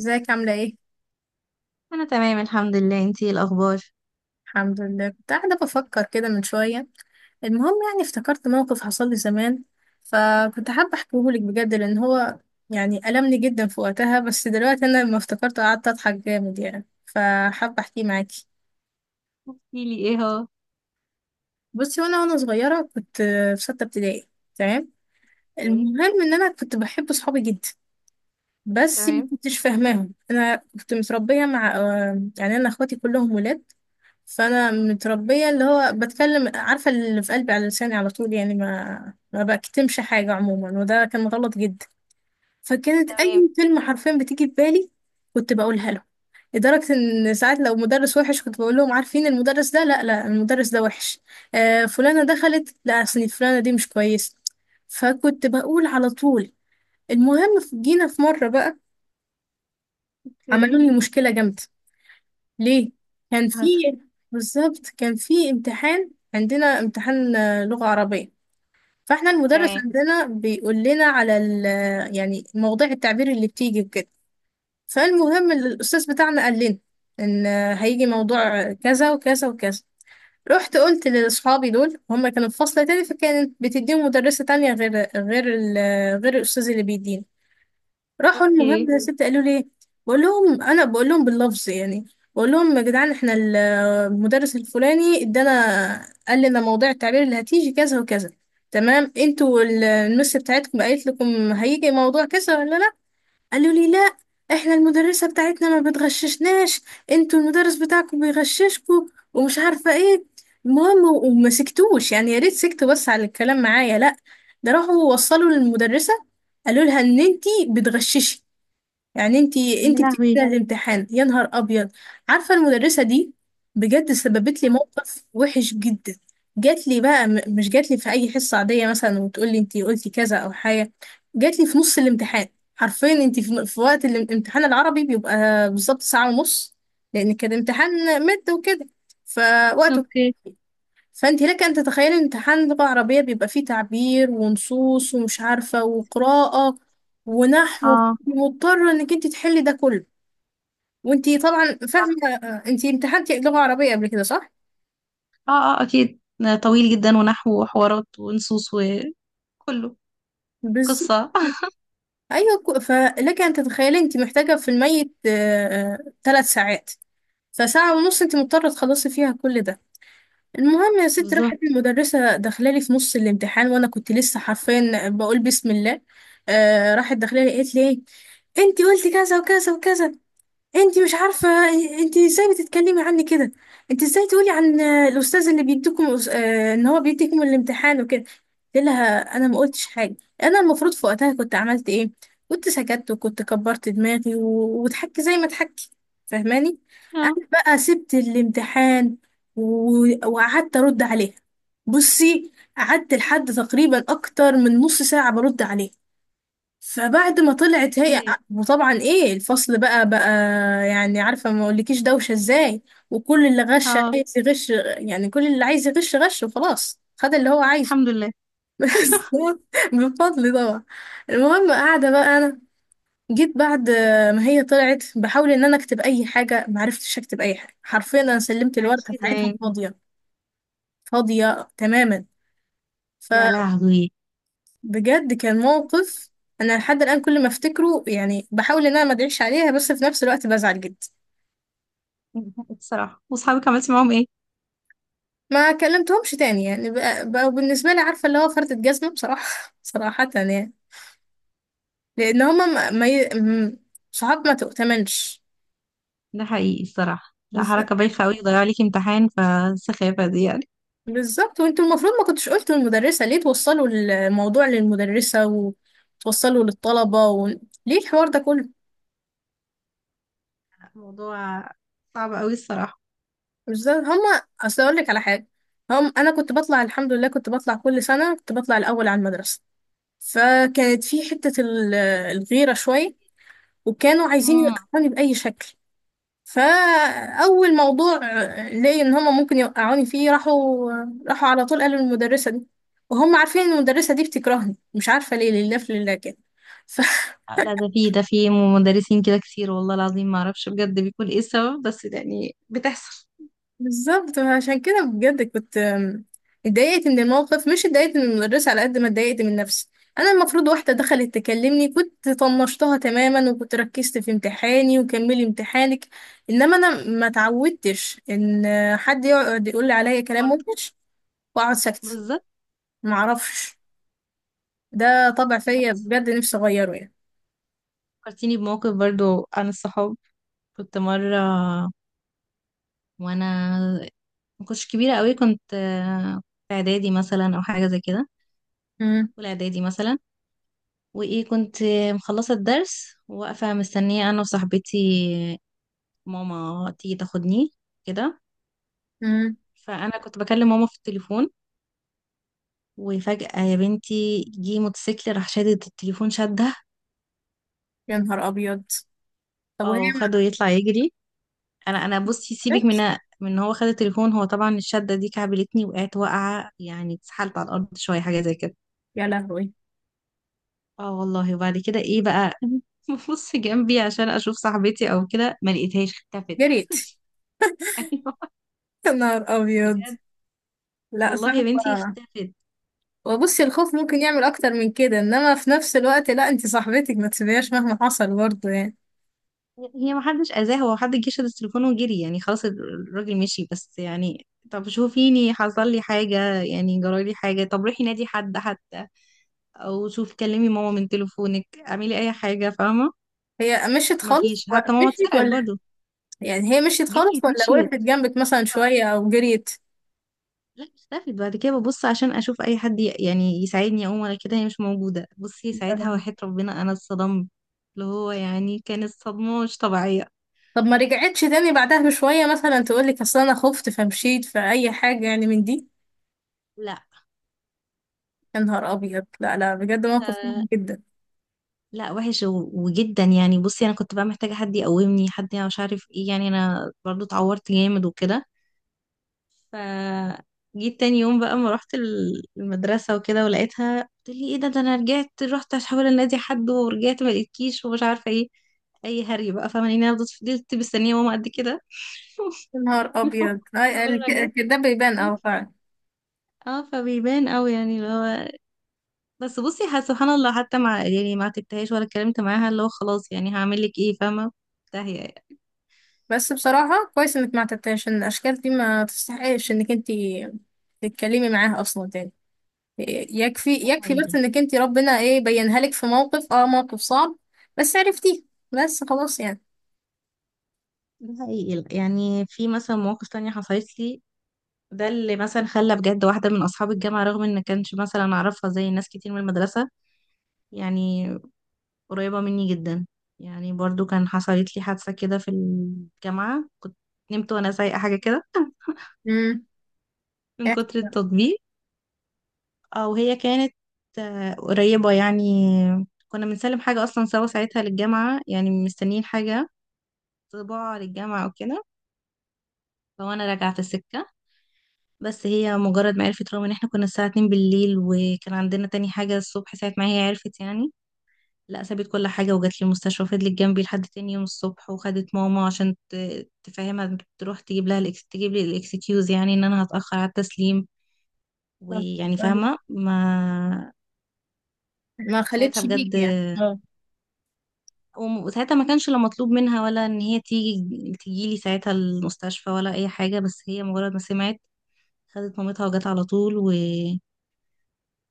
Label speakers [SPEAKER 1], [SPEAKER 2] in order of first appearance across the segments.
[SPEAKER 1] ازيك عاملة ايه؟
[SPEAKER 2] انا تمام، الحمد لله. انتي إيه الاخبار؟
[SPEAKER 1] الحمد لله كنت قاعدة بفكر كده من شوية. المهم يعني افتكرت موقف حصل لي زمان، فكنت حابة احكيهولك بجد لأن هو يعني ألمني جدا في وقتها، بس دلوقتي أنا لما افتكرته قعدت أضحك جامد يعني، فحابة أحكيه معاكي.
[SPEAKER 2] احكي لي ايه هو؟
[SPEAKER 1] بصي، وأنا صغيرة كنت في ستة ابتدائي. تمام.
[SPEAKER 2] اوكي.
[SPEAKER 1] المهم إن أنا كنت بحب صحابي جدا، بس ما
[SPEAKER 2] تمام.
[SPEAKER 1] كنتش فاهماهم. أنا كنت متربية مع يعني أنا أخواتي كلهم ولاد، فانا متربيه اللي هو بتكلم، عارفه اللي في قلبي على لساني على طول يعني، ما بكتمش حاجه عموما، وده كان غلط جدا. فكانت
[SPEAKER 2] تمام.
[SPEAKER 1] اي كلمه حرفيا بتيجي في بالي كنت بقولها له، لدرجه ان ساعات لو مدرس وحش كنت بقول لهم: عارفين المدرس ده، لا لا، المدرس ده وحش. آه فلانه دخلت، لا اصل فلانه دي مش كويسه، فكنت بقول على طول. المهم جينا في مره بقى،
[SPEAKER 2] اوكي،
[SPEAKER 1] عملوا
[SPEAKER 2] إيه
[SPEAKER 1] لي مشكله جامده. ليه؟ كان
[SPEAKER 2] اللي
[SPEAKER 1] في،
[SPEAKER 2] حصل؟
[SPEAKER 1] بالظبط كان في امتحان، عندنا امتحان لغة عربية. فاحنا المدرس
[SPEAKER 2] تمام.
[SPEAKER 1] عندنا بيقول لنا على ال، يعني مواضيع التعبير اللي بتيجي وكده. فالمهم الأستاذ بتاعنا قال لنا إن هيجي موضوع كذا وكذا وكذا. رحت قلت لأصحابي، دول هم كانوا في فصل تاني فكانت بتديهم مدرسة تانية غير، غير الأستاذ اللي بيدينا. راحوا المهم
[SPEAKER 2] اوكي.
[SPEAKER 1] يا ستي قالوا لي، بقول لهم، انا بقول لهم باللفظ يعني، بقول لهم: يا جدعان احنا المدرس الفلاني ادانا قال لنا موضوع التعبير اللي هتيجي كذا وكذا، تمام؟ انتوا المس بتاعتكم قالت لكم هيجي موضوع كذا ولا لا؟ قالوا لي: لا، احنا المدرسة بتاعتنا ما بتغششناش، انتوا المدرس بتاعكم بيغششكوا، ومش عارفة ايه. المهم وما سكتوش يعني، يا ريت سكتوا بس على الكلام معايا، لا، ده راحوا وصلوا للمدرسة قالوا لها ان انتي بتغششي، يعني انتي
[SPEAKER 2] يا
[SPEAKER 1] انتي بتيجي
[SPEAKER 2] لهوي!
[SPEAKER 1] كده الامتحان. يا نهار ابيض، عارفه المدرسه دي بجد سببت لي موقف وحش جدا. جات لي بقى، مش جات لي في اي حصه عاديه مثلا وتقول لي انتي قلتي كذا او حاجه، جات لي في نص الامتحان، حرفيا. انتي في وقت الامتحان العربي بيبقى بالظبط ساعه ونص، لان كان امتحان مد وكده. فوقت،
[SPEAKER 2] اوكي.
[SPEAKER 1] فانت لك ان تتخيلي ان امتحان لغة عربية بيبقى فيه تعبير ونصوص ومش عارفة وقراءة ونحو،
[SPEAKER 2] اه،
[SPEAKER 1] مضطرة انك انت تحلي ده كله وانت طبعا فاهمة.
[SPEAKER 2] صح.
[SPEAKER 1] انت امتحنتي لغة عربية قبل كده صح؟
[SPEAKER 2] اه، اه، اكيد. طويل جدا، ونحو وحوارات ونصوص وكله.
[SPEAKER 1] بز...
[SPEAKER 2] قصة.
[SPEAKER 1] ايوه، فلك ان تتخيلي انت محتاجة في الميت 3 ساعات، فساعة ونص انت مضطرة تخلصي فيها كل ده. المهم يا ستي راحت
[SPEAKER 2] بالظبط.
[SPEAKER 1] المدرسة داخلالي في نص الامتحان وانا كنت لسه حرفيا بقول بسم الله. آه راحت داخلالي قالت لي: ايه، انتي قلتي كذا وكذا وكذا، انت مش عارفه، انت ازاي بتتكلمي عني كده، انت ازاي تقولي عن الاستاذ اللي بيديكم ان هو بيديكم الامتحان وكده. قلت لها: انا ما قلتش حاجه. انا المفروض في وقتها كنت عملت ايه؟ كنت سكت وكنت كبرت دماغي وضحكت زي ما ضحكت، فاهماني؟ انا
[SPEAKER 2] اه.
[SPEAKER 1] بقى سبت الامتحان وقعدت ارد عليها. بصي، قعدت لحد تقريبا اكتر من نص ساعه برد عليها. فبعد ما طلعت هي،
[SPEAKER 2] مم.
[SPEAKER 1] وطبعا ايه الفصل بقى، يعني عارفة ما اقولكيش دوشة ازاي، وكل اللي غش
[SPEAKER 2] اه.
[SPEAKER 1] عايز يغش، يعني كل اللي عايز يغش غش وخلاص خد اللي هو عايزه.
[SPEAKER 2] الحمد لله.
[SPEAKER 1] بس هو بفضل طبعا. المهم قاعدة بقى انا، جيت بعد ما هي طلعت بحاول ان انا اكتب اي حاجة، معرفتش اكتب اي حاجة حرفيا، انا سلمت الورقة
[SPEAKER 2] اكيد
[SPEAKER 1] بتاعتها
[SPEAKER 2] يعني.
[SPEAKER 1] فاضية، فاضية تماما.
[SPEAKER 2] يا لهوي!
[SPEAKER 1] بجد كان موقف، انا لحد الان كل ما افتكره يعني بحاول ان انا ما ادعيش عليها، بس في نفس الوقت بزعل جدا.
[SPEAKER 2] الصراحة، واصحابك عملتي معاهم ايه؟
[SPEAKER 1] ما كلمتهمش تاني يعني، بقوا بالنسبه لي عارفه اللي هو فردة جزمه بصراحه صراحه يعني، لان هما ما ما ي... م- صحاب ما تؤتمنش.
[SPEAKER 2] ده حقيقي الصراحة. لا،
[SPEAKER 1] بالظبط،
[SPEAKER 2] حركة بايخة قوي، ضيع عليكي امتحان فالسخافة دي.
[SPEAKER 1] بالظبط، وانتوا المفروض ما كنتش قلتوا للمدرسه، ليه توصلوا الموضوع للمدرسه وتوصلوا للطلبه و... ليه الحوار ده كله؟
[SPEAKER 2] موضوع صعب قوي الصراحة.
[SPEAKER 1] بالظبط. هما اصل اقول لك على حاجه، هم انا كنت بطلع، الحمد لله كنت بطلع كل سنه، كنت بطلع الاول على المدرسه، فكانت في حتة الغيرة شوية، وكانوا عايزين
[SPEAKER 2] مم.
[SPEAKER 1] يوقعوني بأي شكل. فأول موضوع لقي إن هما ممكن يوقعوني فيه راحوا، راحوا على طول قالوا للمدرسة دي، وهم عارفين إن المدرسة دي بتكرهني مش عارفة ليه، لله في لله كده.
[SPEAKER 2] لا، ده في مدرسين كده كتير، والله العظيم ما اعرفش بجد بيكون ايه السبب، بس يعني بتحصل.
[SPEAKER 1] بالظبط، عشان كده بجد كنت اتضايقت من الموقف، مش اتضايقت من المدرسة على قد ما اتضايقت من نفسي. انا المفروض واحدة دخلت تكلمني كنت طنشتها تماما وكنت ركزت في امتحاني وكملي امتحانك، انما انا ما اتعودتش ان حد يقعد يقول لي عليا كلام
[SPEAKER 2] برضه.
[SPEAKER 1] وحش واقعد ساكتة.
[SPEAKER 2] بالظبط.
[SPEAKER 1] ما اعرفش، ده طبع
[SPEAKER 2] لا
[SPEAKER 1] فيا
[SPEAKER 2] بس،
[SPEAKER 1] بجد، نفسي اغيره يعني.
[SPEAKER 2] فكرتيني بموقف برضه عن الصحاب. كنت مرة، وانا ما كنتش كبيرة قوي، كنت في اعدادي مثلا او حاجة زي كده.
[SPEAKER 1] امم.
[SPEAKER 2] اولى اعدادي مثلا. وايه، كنت مخلصة الدرس وواقفة مستنية انا وصاحبتي ماما تيجي تاخدني كده.
[SPEAKER 1] امم.
[SPEAKER 2] فانا كنت بكلم ماما في التليفون، وفجأة يا بنتي جه موتوسيكل راح شادد التليفون شدها.
[SPEAKER 1] يا نهار ابيض، طب وهي
[SPEAKER 2] او خده
[SPEAKER 1] ما
[SPEAKER 2] يطلع يجري. انا بصي سيبك من
[SPEAKER 1] عرفتش.
[SPEAKER 2] إن هو خد التليفون، هو طبعا الشدة دي كعبلتني وقعت واقعة يعني اتسحلت على الارض شوية حاجة زي كده.
[SPEAKER 1] يا لهوي.
[SPEAKER 2] اه والله. وبعد كده ايه بقى، ببص جنبي عشان اشوف صاحبتي او كده، ما لقيتهاش، اختفت.
[SPEAKER 1] جريت.
[SPEAKER 2] ايوه.
[SPEAKER 1] يا نهار ابيض،
[SPEAKER 2] بجد.
[SPEAKER 1] لا
[SPEAKER 2] والله يا بنتي
[SPEAKER 1] صعبة.
[SPEAKER 2] اختفت.
[SPEAKER 1] وبصي الخوف ممكن يعمل اكتر من كده، انما في نفس الوقت لا، انت صاحبتك ما تسيبيهاش مهما حصل برضه يعني.
[SPEAKER 2] هي ما حدش اذاه، هو حد جه شد التليفون وجري يعني، خلاص الراجل مشي، بس يعني طب شوفيني حصل لي حاجة، يعني جرى لي حاجة، طب روحي نادي حد حتى. او شوفي كلمي ماما من تليفونك، اعملي اي حاجة، فاهمة؟
[SPEAKER 1] هي مشيت
[SPEAKER 2] ما
[SPEAKER 1] خالص
[SPEAKER 2] فيش، حتى ماما
[SPEAKER 1] مشيت
[SPEAKER 2] اتسرقت
[SPEAKER 1] ولا
[SPEAKER 2] برضو.
[SPEAKER 1] يعني هي مشيت خالص
[SPEAKER 2] جريت،
[SPEAKER 1] ولا
[SPEAKER 2] مشيت.
[SPEAKER 1] وقفت جنبك مثلا شوية او جريت؟
[SPEAKER 2] لا، اختفت بعد كده، ببص عشان اشوف اي حد يعني يساعدني اقوم ولا كده، هي مش موجودة، بصي ساعتها وحياة ربنا انا اتصدمت. اللي هو يعني كانت صدمة مش طبيعية.
[SPEAKER 1] طب ما رجعتش تاني بعدها بشوية مثلا تقولك اصل انا خفت فمشيت فأي حاجة يعني من دي؟
[SPEAKER 2] لا.
[SPEAKER 1] يا نهار ابيض، لا لا بجد موقف
[SPEAKER 2] آه،
[SPEAKER 1] صعب جدا.
[SPEAKER 2] لا وحش وجدا يعني، بصي انا كنت بقى محتاجه حد يقومني، حد يعني مش عارف ايه، يعني انا برضو اتعورت جامد وكده. ف جيت تاني يوم بقى، ما رحت المدرسه وكده، ولقيتها قلت لي ايه ده، ده انا رجعت رحت احاول انادي حد ورجعت ما لقيتكيش، ومش عارفه ايه. اي هري بقى، فاهماني؟ انا فضلت مستنيه ماما قد كده.
[SPEAKER 1] يا نهار ابيض،
[SPEAKER 2] قبل ما جت.
[SPEAKER 1] ده بيبان اه فعلا.
[SPEAKER 2] اه فبيبان قوي يعني اللي هو. بس بصي، سبحان الله، حتى مع يعني ما تكتهاش ولا اتكلمت معاها، اللي هو خلاص يعني هعمل لك ايه، فاهمه؟ تهي.
[SPEAKER 1] بس بصراحة كويس انك ما اعتبتهاش، ان الاشكال دي ما تستحقش انك انتي تتكلمي معاها اصلا تاني. يكفي
[SPEAKER 2] ده
[SPEAKER 1] يكفي بس
[SPEAKER 2] حقيقي.
[SPEAKER 1] انك انت ربنا ايه بينها لك في موقف، اه موقف صعب بس عرفتيه، بس خلاص يعني.
[SPEAKER 2] ده حقيقي، يعني في مثلا مواقف تانية حصلت لي. ده اللي مثلا خلى بجد واحدة من أصحاب الجامعة، رغم إن كانش مثلا أعرفها زي ناس كتير من المدرسة. يعني قريبة مني جدا. يعني برضو كان حصلت لي حادثة كده في الجامعة، كنت نمت وأنا سايقة حاجة كده.
[SPEAKER 1] امم.
[SPEAKER 2] من
[SPEAKER 1] احكي
[SPEAKER 2] كتر
[SPEAKER 1] بقى.
[SPEAKER 2] التطبيق. أو هي كانت قريبة يعني. كنا بنسلم حاجة أصلا سوا ساعتها للجامعة، يعني مستنيين حاجة. طباعة للجامعة أو كده. فوأنا راجعة في السكة. بس هي مجرد ما عرفت، رغم ان احنا كنا الساعة 2 بالليل وكان عندنا تاني حاجة الصبح، ساعة ما هي عرفت يعني. لا، سابت كل حاجة وجات لي المستشفى وفضلت جنبي لحد تاني يوم الصبح، وخدت ماما عشان تفهمها تروح تجيب لها تجيب لي الاكسكيوز، يعني ان انا هتأخر على التسليم.
[SPEAKER 1] طب،
[SPEAKER 2] ويعني
[SPEAKER 1] طيب.
[SPEAKER 2] فاهمة ما.
[SPEAKER 1] ما
[SPEAKER 2] ساعتها
[SPEAKER 1] خلتش
[SPEAKER 2] بجد.
[SPEAKER 1] بيك يعني، اه.
[SPEAKER 2] وساعتها ما كانش لا مطلوب منها ولا ان هي تيجي لي ساعتها المستشفى ولا اي حاجة، بس هي مجرد ما سمعت. خدت مامتها وجت على طول.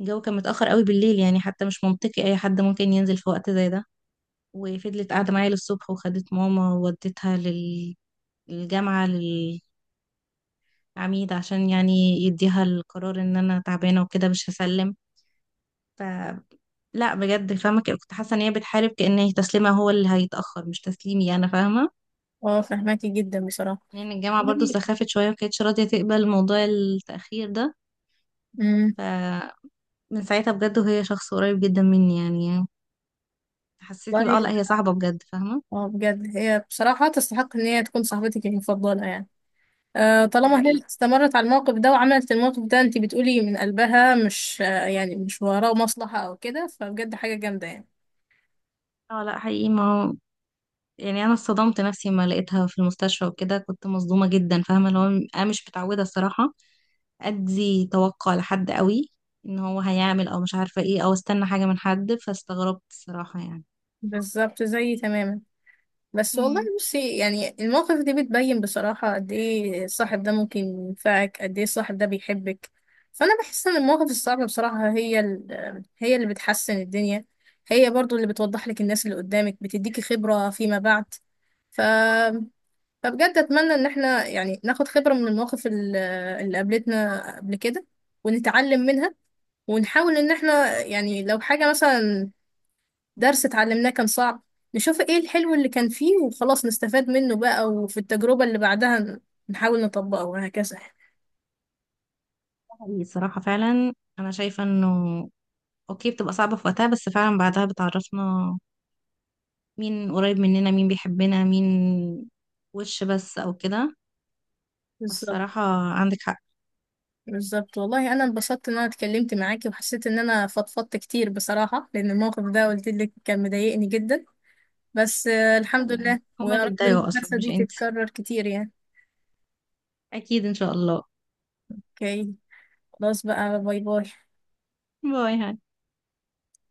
[SPEAKER 2] الجو كان متأخر قوي بالليل، يعني حتى مش منطقي أي حد ممكن ينزل في وقت زي ده. وفضلت قاعدة معايا للصبح، وخدت ماما ووديتها للجامعة. للعميد عشان يعني يديها القرار إن أنا تعبانة وكده مش هسلم. ف لا بجد، فاهمة كنت حاسة إن هي بتحارب، كأن هي تسليمها هو اللي هيتأخر مش تسليمي أنا، فاهمة؟
[SPEAKER 1] اه فهماكي جدا بصراحة.
[SPEAKER 2] لأن الجامعة برضو
[SPEAKER 1] طيب.
[SPEAKER 2] سخافت شوية ومكانتش راضية تقبل موضوع التأخير ده.
[SPEAKER 1] امم.
[SPEAKER 2] فمن ساعتها بجد، وهي شخص قريب جدا مني يعني، حسيتني
[SPEAKER 1] طيب.
[SPEAKER 2] بقى لا هي صاحبة بجد، فاهمة؟
[SPEAKER 1] اه بجد هي بصراحة تستحق ان هي تكون صاحبتك المفضلة يعني، آه
[SPEAKER 2] ده
[SPEAKER 1] طالما هي
[SPEAKER 2] حقيقي.
[SPEAKER 1] اللي استمرت على الموقف ده وعملت الموقف ده انت بتقولي من قلبها، مش يعني مش وراه مصلحة او كده، فبجد حاجة جامدة يعني.
[SPEAKER 2] اه لا، حقيقي ما هو يعني انا اصطدمت نفسي لما لقيتها في المستشفى وكده، كنت مصدومه جدا، فاهمه اللي هو. انا مش متعوده الصراحه. ادي توقع لحد قوي. ان هو هيعمل او مش عارفه ايه، او استنى حاجه من حد، فاستغربت الصراحه يعني.
[SPEAKER 1] بالظبط زيي تماما. بس والله
[SPEAKER 2] امم.
[SPEAKER 1] بصي يعني المواقف دي بتبين بصراحة قد ايه الصاحب ده ممكن ينفعك، قد ايه الصاحب ده بيحبك. فأنا بحس إن المواقف الصعبة بصراحة هي اللي بتحسن الدنيا. هي برضو اللي بتوضح لك الناس اللي قدامك، بتديكي خبرة فيما بعد. ف... فبجد أتمنى إن احنا يعني ناخد خبرة من المواقف اللي قابلتنا قبل كده ونتعلم منها، ونحاول إن احنا يعني لو حاجة مثلا درس اتعلمناه كان صعب نشوف ايه الحلو اللي كان فيه وخلاص نستفاد منه بقى، وفي التجربة اللي بعدها نحاول نطبقه وهكذا.
[SPEAKER 2] حقيقي الصراحه فعلا. انا شايفه انه اوكي، بتبقى صعبه في وقتها، بس فعلا بعدها بتعرفنا مين قريب مننا، مين بيحبنا، مين وش بس او كده.
[SPEAKER 1] بالظبط،
[SPEAKER 2] الصراحه، عندك حق.
[SPEAKER 1] بالظبط، والله انا انبسطت ان انا اتكلمت معاكي وحسيت ان انا فضفضت كتير بصراحة، لان الموقف ده قلت لك كان مضايقني جدا، بس
[SPEAKER 2] لا
[SPEAKER 1] الحمد
[SPEAKER 2] يعني،
[SPEAKER 1] لله،
[SPEAKER 2] هما
[SPEAKER 1] ويا
[SPEAKER 2] اللي
[SPEAKER 1] رب
[SPEAKER 2] اتضايقوا اصلا
[SPEAKER 1] المحادثة
[SPEAKER 2] مش
[SPEAKER 1] دي
[SPEAKER 2] انت.
[SPEAKER 1] تتكرر كتير يعني.
[SPEAKER 2] اكيد ان شاء الله.
[SPEAKER 1] اوكي، خلاص بقى، باي باي
[SPEAKER 2] باي، هاي.